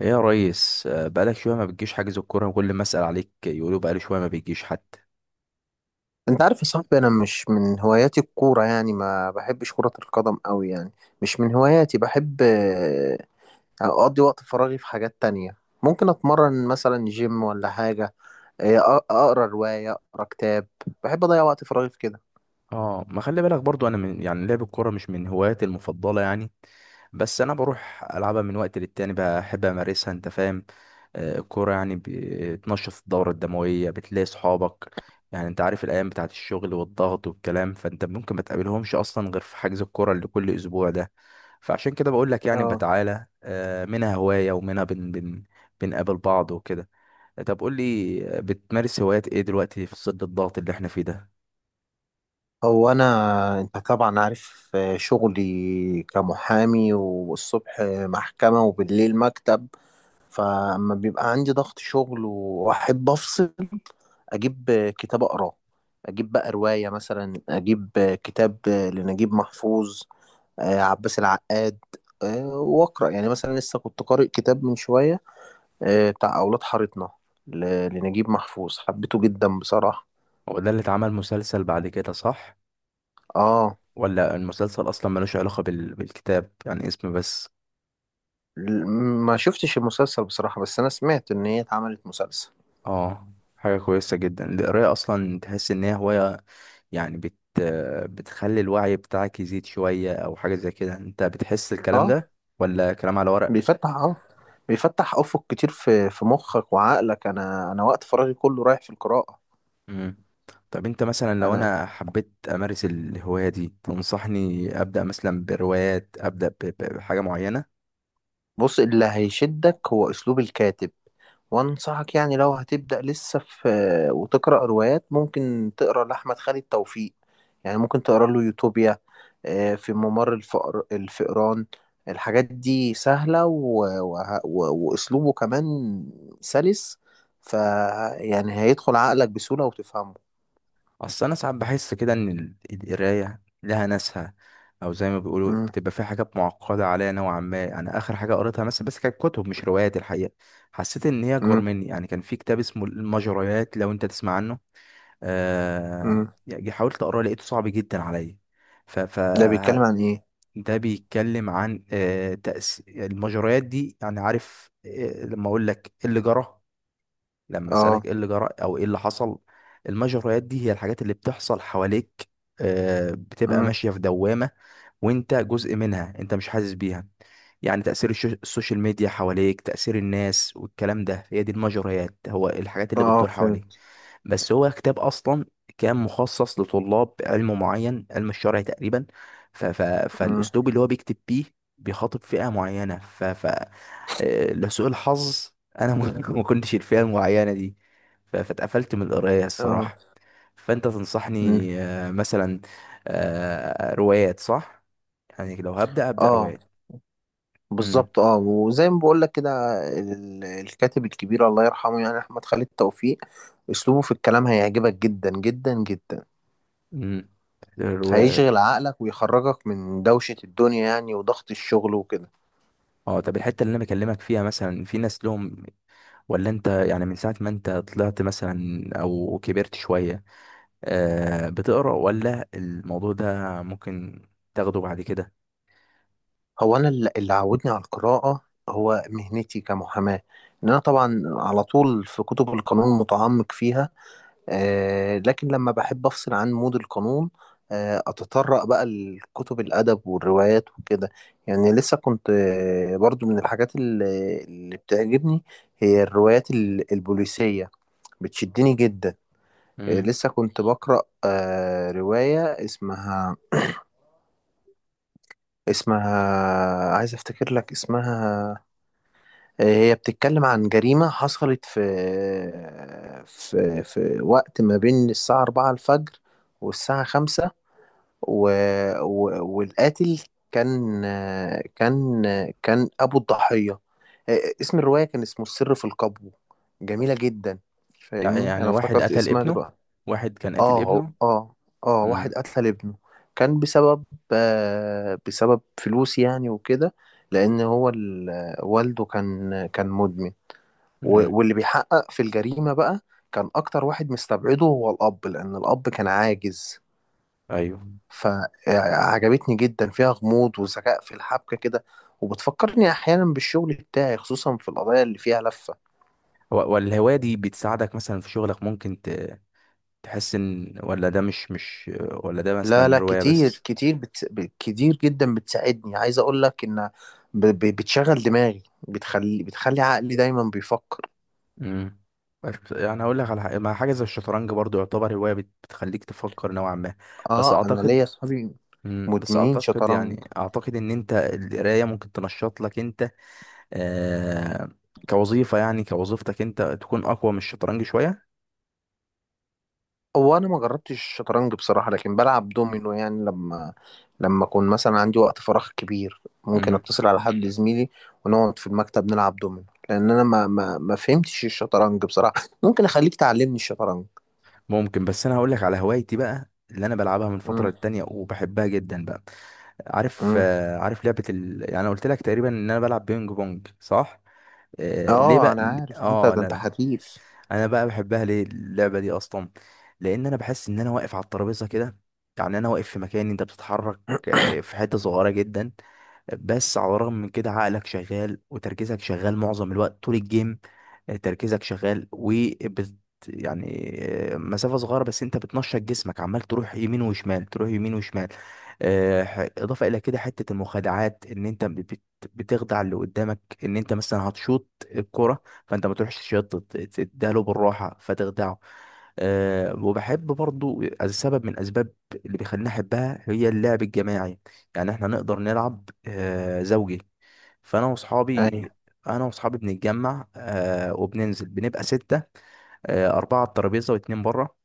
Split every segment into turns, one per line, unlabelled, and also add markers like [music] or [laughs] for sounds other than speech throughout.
ايه يا ريس، بقالك شويه ما بتجيش حاجز الكوره. كل ما اسال عليك يقولوا بقالي شويه ما بتجيش حتى.
انت عارف يا صاحبي، انا مش من هواياتي الكوره، يعني ما بحبش كره القدم قوي يعني. مش من هواياتي. بحب اقضي وقت فراغي في حاجات تانية. ممكن اتمرن مثلا جيم ولا حاجه. اقرا روايه، اقرا كتاب. بحب اضيع وقت فراغي في كده.
اه، ما خلي بالك برضو انا من يعني لعب الكوره مش من هواياتي المفضله يعني. بس انا بروح العبها من وقت للتاني، بحب امارسها انت فاهم. الكوره يعني بتنشط الدوره الدمويه، بتلاقي صحابك. يعني انت عارف الايام بتاعت الشغل والضغط والكلام، فانت ممكن ما تقابلهمش اصلا غير في حجز الكوره اللي كل اسبوع ده. فعشان كده بقول لك يعني
اه.
بتعالى منها هوايه ومنها بن بن بنقابل بعض وكده. طب قول لي بتمارس هوايات ايه دلوقتي في ظل الضغط اللي احنا فيه ده؟
هو انا انت طبعا عارف شغلي كمحامي، والصبح محكمه وبالليل مكتب. فاما بيبقى عندي ضغط شغل واحب افصل، اجيب كتاب اقراه، اجيب بقى رواية مثلا، اجيب كتاب لنجيب محفوظ، عباس العقاد. واقرا يعني مثلا. لسه كنت قارئ كتاب من شوية، بتاع اولاد حارتنا لنجيب محفوظ. حبيته جدا بصراحة.
هو ده اللي اتعمل مسلسل بعد كده، صح؟
اه.
ولا المسلسل اصلا ملوش علاقة بالكتاب، يعني اسم بس.
ل- ما شفتش المسلسل بصراحة، بس انا سمعت ان هي اتعملت مسلسل.
اه، حاجة كويسة جدا القراية، اصلا تحس ان هي هواية. يعني بتخلي الوعي بتاعك يزيد شوية او حاجة زي كده، انت بتحس الكلام
اه.
ده ولا كلام على ورق؟
بيفتح اه بيفتح افق كتير في مخك وعقلك. انا وقت فراغي كله رايح في القراءة.
مم. طب انت مثلا لو
انا
انا حبيت امارس الهواية دي تنصحني ابدأ مثلا بروايات، ابدأ بحاجة معينة؟
بص، اللي هيشدك هو أسلوب الكاتب. وأنصحك يعني لو هتبدأ لسه في وتقرأ روايات، ممكن تقرأ لأحمد خالد توفيق. يعني ممكن تقرأ له يوتوبيا، في ممر الفقر الفئران. الحاجات دي سهلة، وأسلوبه كمان سلس. فيعني هيدخل عقلك بسهولة وتفهمه.
اصل انا ساعات بحس كده ان القرايه لها ناسها، او زي ما بيقولوا
مم.
بتبقى في حاجات معقده عليا نوعا ما. انا اخر حاجه قريتها مثلا بس كانت كتب مش روايات الحقيقه، حسيت ان هي اكبر
مم.
مني. يعني كان في كتاب اسمه المجريات، لو انت تسمع عنه. آه.
مم.
يعني حاولت اقراه لقيته صعب جدا عليا. ف ف
ده بيتكلم عن إيه؟
ده بيتكلم عن المجريات دي. يعني عارف، لما اقول لك إيه اللي جرى، لما اسالك
آه.
ايه اللي جرى او ايه اللي حصل. المجريات دي هي الحاجات اللي بتحصل حواليك، بتبقى
مم.
ماشيه في دوامه وانت جزء منها، انت مش حاسس بيها. يعني تاثير السوشيال ميديا حواليك، تاثير الناس والكلام ده، هي دي المجريات، هو الحاجات اللي
آه،
بتدور حواليك.
فهمت.
بس هو كتاب اصلا كان مخصص لطلاب علم معين، علم الشرع تقريبا. ف ف
مم.
فالاسلوب اللي هو بيكتب بيه بيخاطب فئه معينه. لسوء الحظ انا ما [laughs] ما كنتش الفئه المعينه دي. فاتقفلت من القرايه
آه.
الصراحه. فانت تنصحني
مم.
مثلا روايات، صح؟ يعني لو ابدا
آه،
روايات. امم.
بالظبط. اه، وزي ما بقول لك كده، الكاتب الكبير الله يرحمه يعني احمد خالد توفيق، اسلوبه في الكلام هيعجبك جدا جدا جدا.
امم. الرواية.
هيشغل عقلك ويخرجك من دوشة الدنيا يعني، وضغط الشغل وكده.
اه، طب الحته اللي انا بكلمك فيها مثلا في ناس لهم، ولا انت يعني من ساعه ما انت طلعت مثلا او كبرت شويه بتقرا؟ ولا الموضوع ده ممكن تاخده بعد كده؟
هو انا اللي عودني على القراءة هو مهنتي كمحاماة، ان انا طبعا على طول في كتب القانون متعمق فيها. لكن لما بحب أفصل عن مود القانون، أتطرق بقى لكتب الأدب والروايات وكده. يعني لسه كنت برضو من الحاجات اللي بتعجبني هي الروايات البوليسية، بتشدني جدا.
امم.
لسه كنت بقرأ رواية اسمها، عايز أفتكر لك اسمها. هي بتتكلم عن جريمة حصلت في آه، في في وقت ما بين الساعة 4 الفجر والساعة 5، و... و... والقاتل كان كان كان أبو الضحية. اسم الرواية كان اسمه السر في القبو، جميلة جدا.
يعني
فاهمني، أنا
واحد
افتكرت
قتل
اسمها
ابنه،
دلوقتي.
واحد كان قاتل
اه.
ابنه.
اه، اه، واحد
امم.
قتل ابنه. كان بسبب فلوس يعني وكده، لأن هو والده كان مدمن. و-
امم.
واللي بيحقق في الجريمة بقى كان أكتر واحد مستبعده هو الأب، لأن الأب كان عاجز.
ايوه.
فعجبتني جدا، فيها غموض وذكاء في الحبكة كده، وبتفكرني أحيانا بالشغل بتاعي، خصوصا في القضايا اللي فيها لفة.
والهوايه دي بتساعدك مثلا في شغلك، ممكن تحس ان، ولا ده مش؟ ولا ده
لا، لا،
مثلا روايه
كتير
بس؟
كتير، كتير جدا بتساعدني. عايز أقول لك إن بتشغل دماغي، بتخلي عقلي دايما بيفكر.
امم. يعني اقول لك على حاجه، مع حاجه زي الشطرنج برضو يعتبر هوايه، بتخليك تفكر نوعا ما. بس
آه، أنا
اعتقد.
ليا أصحابي
مم. بس
مدمنين
اعتقد،
شطرنج.
يعني اعتقد ان انت القرايه ممكن تنشط لك انت آه كوظيفه، يعني كوظيفتك انت تكون اقوى من الشطرنج شويه.
هو انا ما جربتش الشطرنج بصراحه، لكن بلعب دومينو. يعني لما اكون مثلا عندي وقت فراغ كبير، ممكن اتصل على حد زميلي، ونقعد في المكتب نلعب دومينو، لان انا ما فهمتش الشطرنج بصراحه. [laughs] ممكن اخليك تعلمني الشطرنج.
ممكن، بس انا هقول لك على هوايتي بقى اللي انا بلعبها من فتره
امم.
للتانيه وبحبها جدا بقى. عارف
امم.
عارف لعبه يعني انا قلت لك تقريبا ان انا بلعب بينج بونج، صح؟ آه، ليه
اه،
بقى؟
انا عارف إن انت
اه،
ده
لا
انت
لا.
حريف.
انا بقى بحبها ليه اللعبه دي اصلا؟ لان انا بحس ان انا واقف على الترابيزه كده، يعني انا واقف في مكان انت بتتحرك في حته صغيره جدا. بس على الرغم من كده عقلك شغال وتركيزك شغال معظم الوقت طول الجيم. تركيزك شغال يعني مسافة صغيرة بس انت بتنشط جسمك، عمال تروح يمين وشمال تروح يمين وشمال. اضافة الى كده حتة المخادعات ان انت بتخدع اللي قدامك ان انت مثلا هتشوط الكرة، فانت ما تروحش تشوط، تديها له بالراحة فتخدعه. وبحب برضو سبب من اسباب اللي بيخليني احبها هي اللعب الجماعي. يعني احنا نقدر نلعب زوجي. فانا
ايوه،
واصحابي، انا واصحابي بنتجمع وبننزل بنبقى ستة، اربعة على الترابيزة واتنين بره،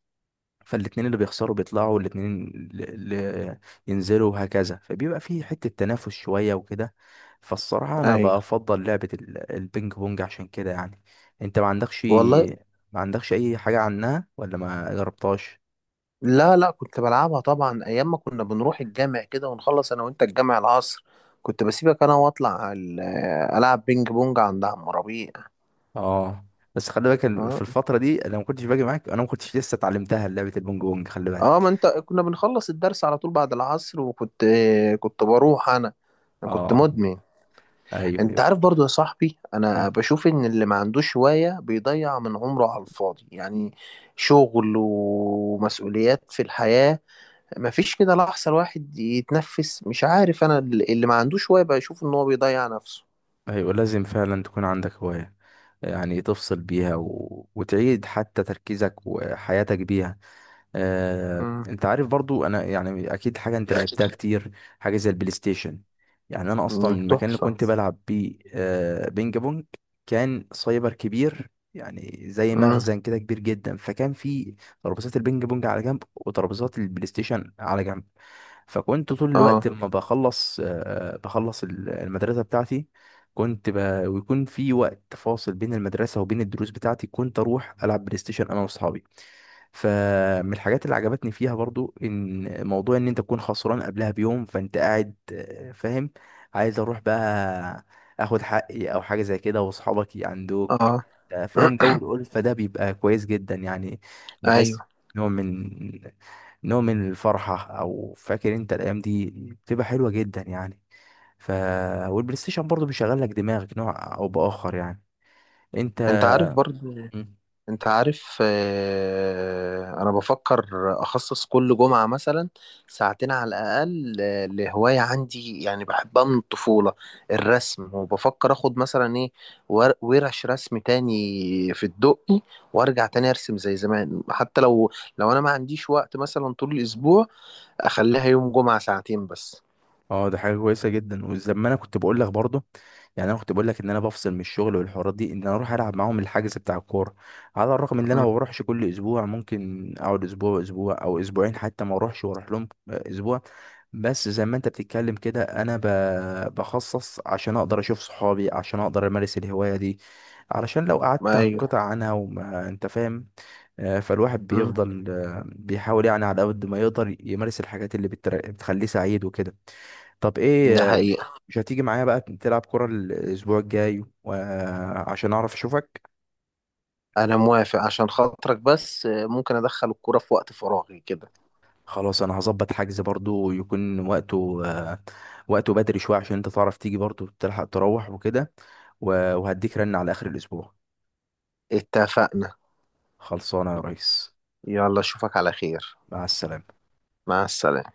فالاتنين اللي بيخسروا بيطلعوا والاتنين اللي ينزلوا وهكذا، فبيبقى في حتة تنافس شوية وكده. فالصراحة انا
ايوه.
بفضل لعبة البينج بونج عشان كده يعني. انت
والله.
ما عندكش اي حاجة عنها ولا ما جربتهاش؟
لا، لا، كنت بلعبها طبعا ايام ما كنا بنروح الجامع كده ونخلص انا وانت الجامع العصر، كنت بسيبك انا واطلع العب بينج بونج عند عم ربيع.
اه، بس خلي بالك في
اه.
الفترة دي انا ما كنتش باجي معاك، انا ما كنتش لسه اتعلمتها لعبة البونج بونج، خلي بالك.
اه، ما انت كنا بنخلص الدرس على طول بعد العصر، وكنت كنت بروح انا. انا كنت
اه.
مدمن. انت
ايوه.
عارف برضو يا صاحبي، انا بشوف ان اللي ما عندوش هواية بيضيع من عمره على الفاضي. يعني شغل ومسؤوليات في الحياة، ما فيش كده لحظة الواحد يتنفس، مش عارف. انا اللي ما عندوش هواية بشوف ان هو بيضيع نفسه.
أيوة، لازم فعلا تكون عندك هواية. يعني تفصل بيها وتعيد حتى تركيزك وحياتك بيها.
امم.
انت عارف برضو انا يعني اكيد حاجه انت لعبتها كتير، حاجه زي البلاي ستيشن. يعني انا اصلا المكان اللي
تحفة.
كنت بلعب بيه بينج بونج كان سايبر كبير، يعني زي
امم.
مخزن كده كبير جدا، فكان في ترابيزات البينج بونج على جنب وترابيزات البلاي ستيشن على جنب. فكنت طول
اه.
الوقت لما بخلص المدرسه بتاعتي، كنت ب... ويكون في وقت فاصل بين المدرسه وبين الدروس بتاعتي كنت اروح العب بلاي ستيشن انا واصحابي. فمن الحاجات اللي عجبتني فيها برضو ان موضوع ان انت تكون خسران قبلها بيوم، فانت قاعد فاهم عايز اروح بقى اخد حقي او حاجه زي كده، واصحابك يعندوك.
اه.
فاهم جو
[clears throat]
الألفة ده بيبقى كويس جدا يعني.
ايوه.
بحس نوع من نوع من الفرحه او فاكر انت، الايام دي بتبقى حلوه جدا يعني. ف والبلاي ستيشن برضو بيشغل لك دماغك نوع او باخر يعني. انت.
انت عارف برضو، انت عارف آه، انا بفكر اخصص كل جمعة مثلا ساعتين على الاقل لهواية عندي يعني بحبها من الطفولة، الرسم. وبفكر اخد مثلا ايه، ورش رسم تاني في الدقي، وارجع تاني ارسم زي زمان. حتى لو انا ما عنديش وقت مثلا طول الاسبوع، اخليها يوم جمعة ساعتين بس.
اه، ده حاجه كويسه جدا، وزي ما انا كنت بقول لك برضه، يعني انا كنت بقول لك ان انا بفصل من الشغل والحوارات دي ان انا اروح العب معاهم الحجز بتاع الكوره. على الرغم ان انا
مم.
ما بروحش كل اسبوع، ممكن اقعد اسبوع اسبوع او اسبوعين حتى ما اروحش واروح لهم اسبوع. بس زي ما انت بتتكلم كده، انا بخصص عشان اقدر اشوف صحابي، عشان اقدر امارس الهوايه دي، علشان لو قعدت
ايوه.
هنقطع عنها، وما انت فاهم. فالواحد
مم.
بيفضل بيحاول يعني على قد ما يقدر يمارس الحاجات اللي بتخليه سعيد وكده. طب ايه
ده حقيقة.
مش هتيجي معايا بقى تلعب كرة الاسبوع الجاي، وعشان اعرف اشوفك.
انا موافق عشان خاطرك، بس ممكن ادخل الكورة في وقت فراغي كده.
خلاص، انا هظبط حجز برضو يكون وقته بدري شوية عشان انت تعرف تيجي برضو تلحق تروح وكده. وهديك رن على اخر الاسبوع.
اتفقنا.
خلصانة يا ريس.
يلا، اشوفك على خير.
مع السلامة.
مع السلامة.